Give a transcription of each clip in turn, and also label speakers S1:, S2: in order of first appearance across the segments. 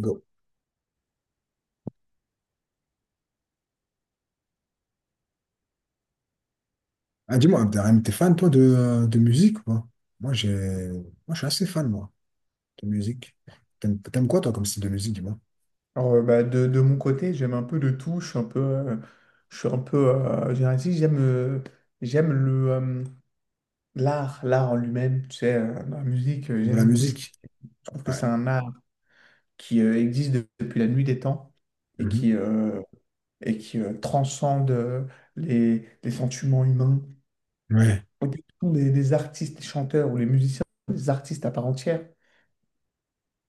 S1: Go. Ah, dis-moi, Abderrahim, t'es fan, toi, de musique, ou pas? Moi, je suis assez fan, moi, de musique. T'aimes quoi, toi, comme style de musique, dis-moi?
S2: De mon côté, j'aime un peu de tout. Je suis un peu, je suis un peu, j'ai un- si j'aime, j'aime le l'art, l'art en lui-même. Tu sais, dans la musique,
S1: De la
S2: j'aime tout ce qui.
S1: musique?
S2: Je trouve que
S1: Ouais.
S2: c'est un art qui existe depuis la nuit des temps et
S1: Mhm.
S2: qui euh, et qui transcende les sentiments humains.
S1: Ouais,
S2: Au début, ce sont des artistes, des chanteurs ou les musiciens, des artistes à part entière.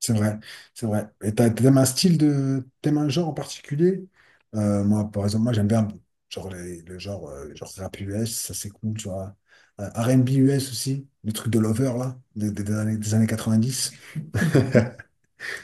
S1: c'est vrai, c'est vrai. Et t'aimes un genre en particulier? Moi, par exemple, moi, j'aime bien, genre, le genre, genre rap US, ça, c'est cool, tu vois. R&B US aussi, le truc de Lover, là, des années 90.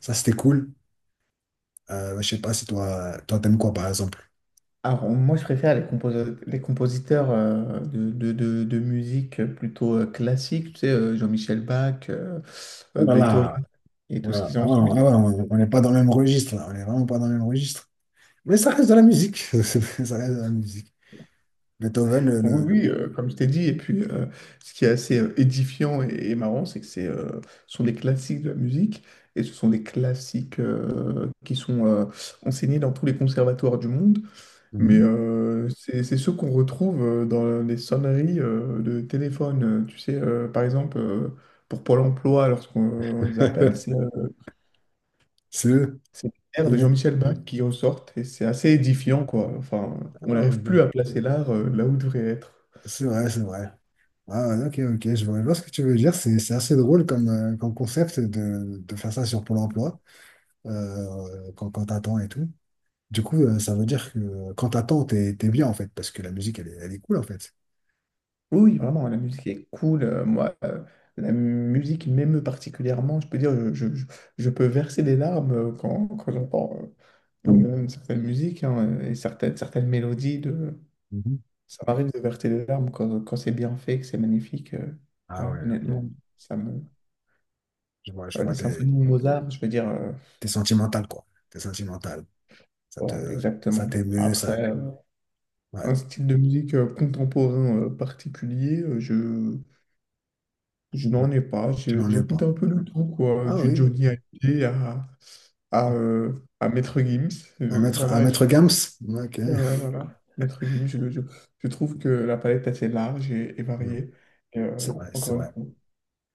S1: Ça, c'était cool. Je sais pas si toi, t'aimes quoi, par exemple?
S2: Alors, moi, je préfère les compositeurs de musique plutôt classique, tu sais, Jean-Michel Bach,
S1: Oh là
S2: Beethoven
S1: là.
S2: et tout ce
S1: Voilà.
S2: qu'ils
S1: Ah
S2: ont
S1: ouais, ah
S2: suivi.
S1: ouais, on n'est pas dans le même registre, là. On n'est vraiment pas dans le même registre. Mais ça reste de la musique. Ça reste de la musique. Beethoven, le...
S2: Oui,
S1: le-
S2: oui, comme je t'ai dit. Et puis, ce qui est assez édifiant et marrant, c'est que ce sont des classiques de la musique et ce sont des classiques qui sont enseignés dans tous les conservatoires du monde. Mais
S1: Mhm.
S2: c'est ceux qu'on retrouve dans les sonneries de téléphone. Tu sais, par exemple, pour Pôle emploi, lorsqu'on les appelle, c'est euh,
S1: C'est eux.
S2: c'est l'air
S1: Ils
S2: de
S1: mettent...
S2: Jean-Michel Bach qui ressortent et c'est assez édifiant, quoi. Enfin,
S1: Ah,
S2: on n'arrive plus
S1: OK.
S2: à placer l'art là où il devrait être.
S1: C'est vrai, c'est vrai. Ah, OK, OK. Je vois ce que tu veux dire. C'est assez drôle comme concept de faire ça sur Pôle emploi, quand t'attends et tout. Du coup, ça veut dire que quand t'attends, t'es bien, en fait, parce que la musique, elle est cool, en fait.
S2: Oui, vraiment, la musique est cool. Moi, la musique m'émeut particulièrement. Je peux dire, je peux verser des larmes quand j'entends euh, certaines musiques, hein, et certaines mélodies de.
S1: Mhm.
S2: Ça m'arrive de verser des larmes quand c'est bien fait, que c'est magnifique.
S1: Ah
S2: Ouais,
S1: ouais, OK.
S2: honnêtement, ça me...
S1: Je vois, je vois.
S2: Les symphonies de Mozart, je veux dire,
S1: T'es sentimental, quoi. T'es sentimental.
S2: ouais,
S1: Ça
S2: exactement.
S1: t'émeut, ça.
S2: Après,
S1: Ouais.
S2: un style de musique contemporain particulier, je
S1: Non,
S2: n'en ai pas.
S1: tu n'en es
S2: J'écoute un
S1: pas.
S2: peu le tout, quoi,
S1: Ah
S2: du
S1: oui.
S2: Johnny Hallyday à, à, euh, à Maître Gims.
S1: Un
S2: Euh,
S1: maître, un
S2: voilà, je-
S1: maître Gams? OK.
S2: ouais, ouais, voilà. Maître Gims, je trouve que la palette est assez large et
S1: Hmm.
S2: variée. Et,
S1: C'est vrai, c'est
S2: encore une
S1: vrai.
S2: fois.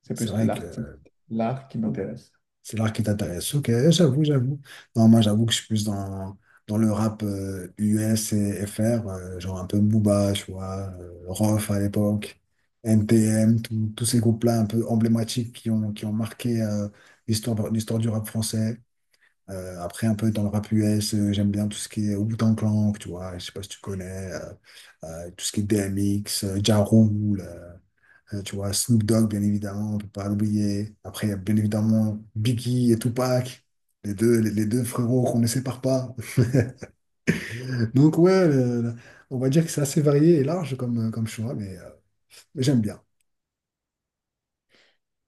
S2: C'est
S1: C'est
S2: plus
S1: vrai
S2: l'artiste,
S1: que
S2: l'art qui m'intéresse.
S1: c'est l'art qui t'intéresse. OK, j'avoue, j'avoue. Non, moi, j'avoue que je suis plus dans, dans le rap US et FR, genre un peu Booba, tu vois, Rof à l'époque, NTM, tous ces groupes-là un peu emblématiques qui ont marqué l'histoire du rap français. Après, un peu dans le rap US, j'aime bien tout ce qui est Wu-Tang Clan, tu vois, je sais pas si tu connais, tout ce qui est DMX, Ja Rule, tu vois, Snoop Dogg, bien évidemment, on peut pas l'oublier. Après, il y a bien évidemment Biggie et Tupac, les deux frérots qu'on ne sépare pas. Donc, ouais, on va dire que c'est assez varié et large comme choix, mais, j'aime bien.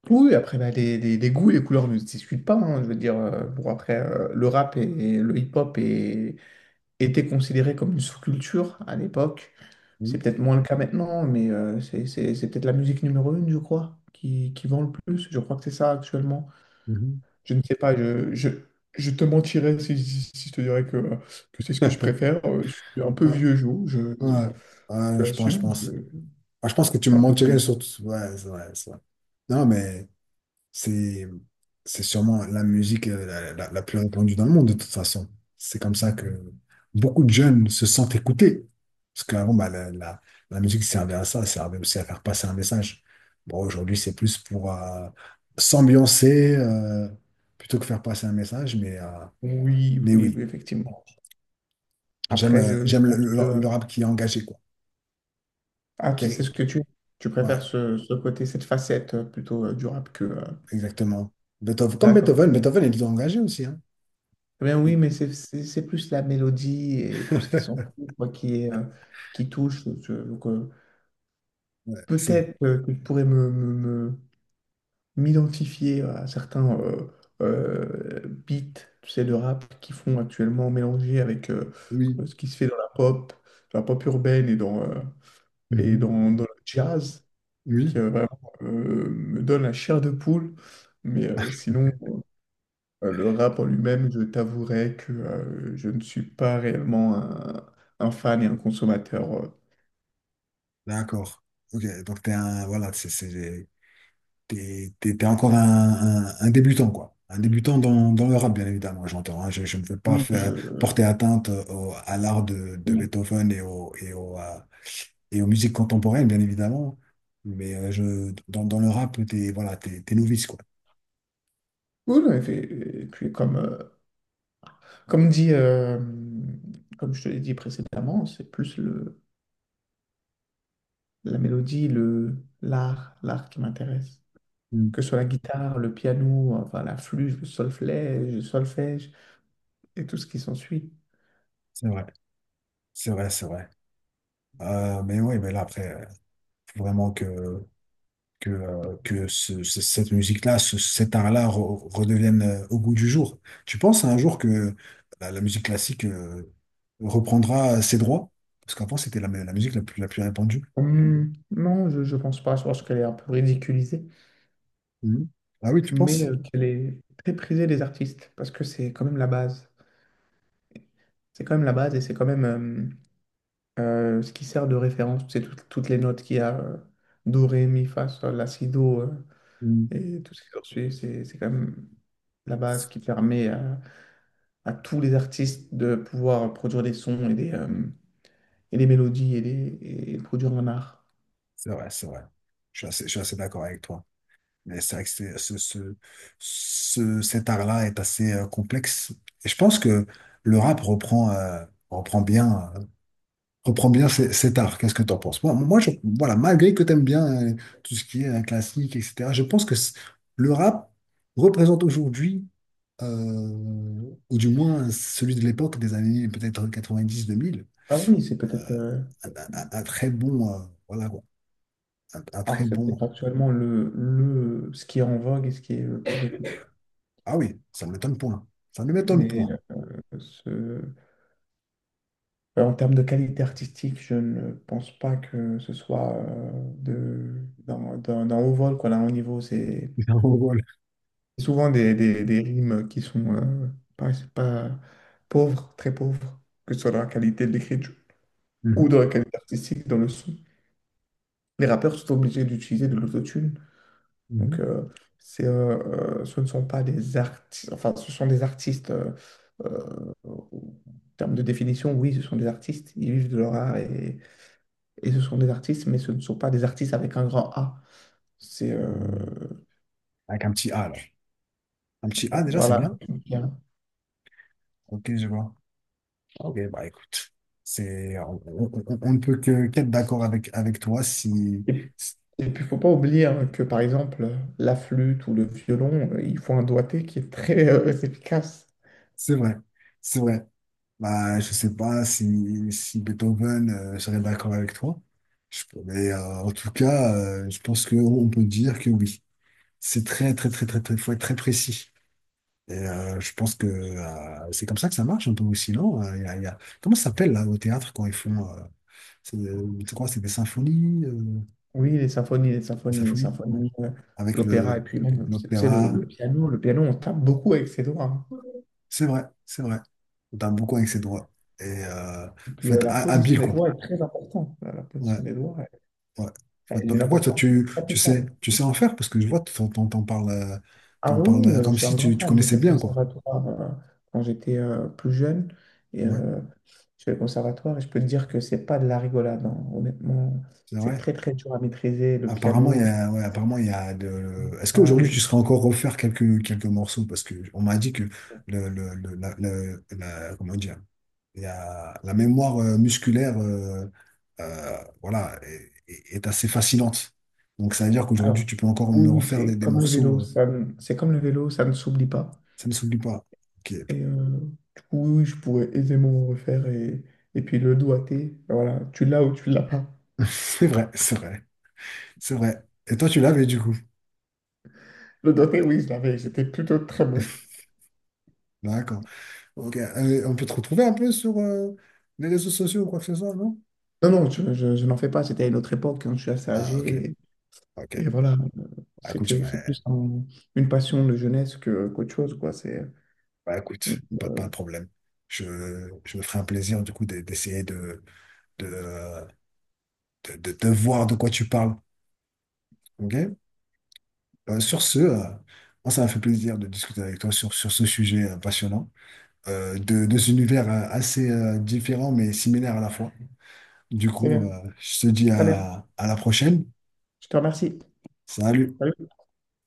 S2: Oui, après, bah, les goûts et les couleurs ne se discutent pas, hein. Je veux dire, bon, après, le rap et le hip-hop étaient considérés comme une sous-culture à l'époque. C'est
S1: Mhm.
S2: peut-être moins le cas maintenant, mais c'est peut-être la musique numéro une, je crois, qui vend le plus. Je crois que c'est ça actuellement.
S1: Mhm.
S2: Je ne sais pas, je te mentirais si je te dirais que c'est ce que je préfère. Je suis un peu
S1: Ah,
S2: vieux jeu,
S1: ouais,
S2: je
S1: ouais, je pense, je
S2: l'assume.
S1: pense.
S2: Je
S1: Ah, je pense que tu me
S2: suis un peu vieux
S1: mentirais sur
S2: jeu.
S1: tout. Ouais, c'est vrai, c'est vrai. Non, mais. C'est, c'est sûrement la musique la plus répandue dans le monde, de toute façon. C'est comme ça que beaucoup de jeunes se sentent écoutés. Parce qu'avant, bah, la musique servait à ça, servait aussi à faire passer un message. Bon, aujourd'hui, c'est plus pour s'ambiancer plutôt que faire passer un message. Mais,
S2: Oui, oui,
S1: oui,
S2: oui, effectivement.
S1: j'aime
S2: Après,
S1: euh,
S2: je
S1: j'aime le,
S2: pense que...
S1: le- le rap qui est engagé, quoi.
S2: Ah,
S1: Qui
S2: tu sais
S1: est-
S2: ce que tu... Tu
S1: Ouais,
S2: préfères ce, ce côté, cette facette plutôt du rap que...
S1: exactement. Beethoven, comme
S2: D'accord, très
S1: Beethoven,
S2: bien.
S1: Beethoven, il est engagé aussi, hein.
S2: Très bien, oui, mais c'est plus la mélodie et tout ce qui s'en fout, quoi, qui est, qui touche. Donc
S1: Ouais, c'est vrai.
S2: peut-être que je pourrais me- m'identifier à certains beats, tu sais, de rap qui font actuellement mélanger avec
S1: Oui.
S2: ce qui se fait dans la pop urbaine et
S1: Mhm.
S2: dans le jazz. qui
S1: Oui,
S2: euh, vraiment me donne la chair de poule. Mais sinon, le rap en lui-même, je t'avouerai que je ne suis pas réellement un fan et un consommateur.
S1: d'accord. OK, donc t'es un, voilà, c'est, t'es, t'es, t'es encore un débutant, quoi. Un débutant dans le rap, bien évidemment, j'entends. Hein. Je ne veux pas
S2: Oui, je...
S1: porter atteinte à l'art de Beethoven et aux musiques contemporaines, bien évidemment. Mais dans le rap, t'es novice, quoi.
S2: Cool, et puis comme, comme dit, comme je te l'ai dit précédemment, c'est plus le, la mélodie, le, l'art, l'art qui m'intéresse.
S1: Mm.
S2: Que ce soit la guitare, le piano, enfin la flûte, le solfège et tout ce qui s'ensuit.
S1: C'est vrai, c'est vrai, c'est vrai. Mais oui, mais là, après, faut vraiment que cette musique-là, cet art-là redevienne au goût du jour. Tu penses un jour que la musique classique reprendra ses droits? Parce qu'avant, c'était la musique la plus répandue.
S2: Non, je ne pense pas. Je pense qu'elle est un peu ridiculisée,
S1: Mhm. Ah oui, tu
S2: mais
S1: penses?
S2: qu'elle est très prisée des artistes parce que c'est quand même la base. C'est quand même la base et c'est quand même ce qui sert de référence. Toutes les notes qu'il y a, do, ré, mi, fa, sol, la, si, do,
S1: Mhm.
S2: et tout ce qui s'ensuit. C'est quand même la base qui permet à tous les artistes de pouvoir produire des sons et des mélodies et produire un art.
S1: C'est vrai, c'est vrai. Je suis assez d'accord avec toi. Mais c'est vrai que cet art-là est assez complexe. Et je pense que le rap reprend bien cet art. Qu'est-ce que tu en penses? Malgré que tu aimes bien euh, tout ce qui est classique, etc., je pense que le rap représente aujourd'hui, euh, ou du moins celui de l'époque des années peut-être 90-2000,
S2: Ah oui, c'est peut-être.
S1: un très bon, voilà, quoi. Un très
S2: Alors, c'est peut-être
S1: bon.
S2: actuellement ce qui est en vogue et ce qui est le plus écouté.
S1: Ah oui, ça ne m'étonne point. Ça ne m'étonne
S2: Mais
S1: point.
S2: ce- euh, en termes de qualité artistique, je ne pense pas que ce soit de, d'un haut vol, quoi. Là, haut niveau. C'est c'est souvent des rimes qui sont pas, c'est pas pauvres, très pauvres, que ce soit dans la qualité de l'écriture ou
S1: Mhm,
S2: dans la qualité artistique, dans le son. Les rappeurs sont obligés d'utiliser de l'autotune.
S1: mhm.
S2: Donc, ce ne sont pas des artistes, enfin, ce sont des artistes, en termes de définition, oui, ce sont des artistes, ils vivent de leur art et ce sont des artistes, mais ce ne sont pas des artistes avec un grand A. C'est,
S1: Mhm. Avec un petit A, alors. Un petit A, déjà, c'est
S2: voilà.
S1: bien. OK, je vois. OK, bah écoute, on ne peut que qu'être d'accord avec toi si.
S2: Et puis, il ne faut pas oublier, hein, que, par exemple, la flûte ou le violon, il faut un doigté qui est très efficace.
S1: C'est vrai, c'est vrai. Bah, je sais pas si Beethoven serait d'accord avec toi. Mais en tout cas, je pense qu'on peut dire que oui. C'est très, très, très, très, très, faut être très précis. Et je pense que c'est comme ça que ça marche un peu aussi, non? Comment ça s'appelle là au théâtre quand ils font? Je crois que c'est des symphonies, euh,
S2: Oui, les symphonies,
S1: des
S2: les
S1: symphonies, ouais,
S2: symphonies,
S1: avec
S2: l'opéra, et puis même, tu sais,
S1: l'opéra.
S2: le piano, on tape beaucoup avec ses doigts, hein.
S1: C'est vrai, c'est vrai. On tape beaucoup avec ses droits. Et
S2: Et puis
S1: faut être
S2: la
S1: ha-
S2: position
S1: habile,
S2: des
S1: quoi.
S2: doigts est très importante. La
S1: Ouais,
S2: position des doigts
S1: ouais.
S2: elle est
S1: Bah,
S2: d'une
S1: pourquoi toi,
S2: importance
S1: tu, tu
S2: capitale.
S1: sais, tu sais en faire? Parce que je vois, t'en parles, euh,
S2: Ah
S1: t'en
S2: oui,
S1: parles
S2: oui,
S1: euh,
S2: je
S1: comme
S2: suis un
S1: si
S2: grand
S1: tu
S2: fan. J'ai
S1: connaissais
S2: fait le
S1: bien, quoi.
S2: conservatoire quand j'étais plus jeune. Et
S1: Ouais,
S2: je fais le conservatoire et je peux te dire que c'est pas de la rigolade, hein. Honnêtement,
S1: c'est
S2: c'est
S1: vrai.
S2: très très dur à maîtriser le piano,
S1: Apparemment, il y a de... Est-ce
S2: la
S1: qu'aujourd'hui, tu
S2: guitare
S1: serais
S2: et-
S1: encore refaire quelques morceaux? Parce que on m'a dit que le, le, le- la, la- comment dire? La mémoire musculaire voilà, est assez fascinante. Donc ça veut dire qu'aujourd'hui,
S2: Alors,
S1: tu peux encore me
S2: oui, oui,
S1: refaire des,
S2: c'est
S1: des
S2: comme le
S1: morceaux,
S2: vélo, ça ne- c'est comme le vélo, ça ne s'oublie pas.
S1: ça ne s'oublie pas. OK.
S2: Et du coup, oui, oui, je pourrais aisément refaire. Et puis le doigté, voilà, tu l'as ou tu l'as pas.
S1: C'est vrai, c'est vrai, c'est vrai. Et toi, tu l'avais du coup.
S2: Le dernier, oui, je l'avais. J'étais plutôt très bon.
S1: D'accord. OK. On peut te retrouver un peu sur les réseaux sociaux ou quoi que ce soit, non?
S2: Non, non, je n'en fais pas. C'était à une autre époque, hein. Je suis assez
S1: Ah, OK,
S2: âgé.
S1: OK.
S2: Et voilà,
S1: Bah, écoute,
S2: c'est
S1: ouais.
S2: plus une passion de jeunesse que qu'autre chose, quoi.
S1: Bah, écoute, pas de problème. Je, je me ferai un plaisir du coup d'essayer de, de voir de quoi tu parles. OK? Sur ce, moi, ça m'a fait plaisir de discuter avec toi sur ce sujet passionnant, deux univers assez différent mais similaires à la fois. Du
S2: C'est
S1: coup,
S2: bien.
S1: je te dis
S2: Très bien.
S1: à la prochaine.
S2: Je te remercie.
S1: Salut!
S2: Salut.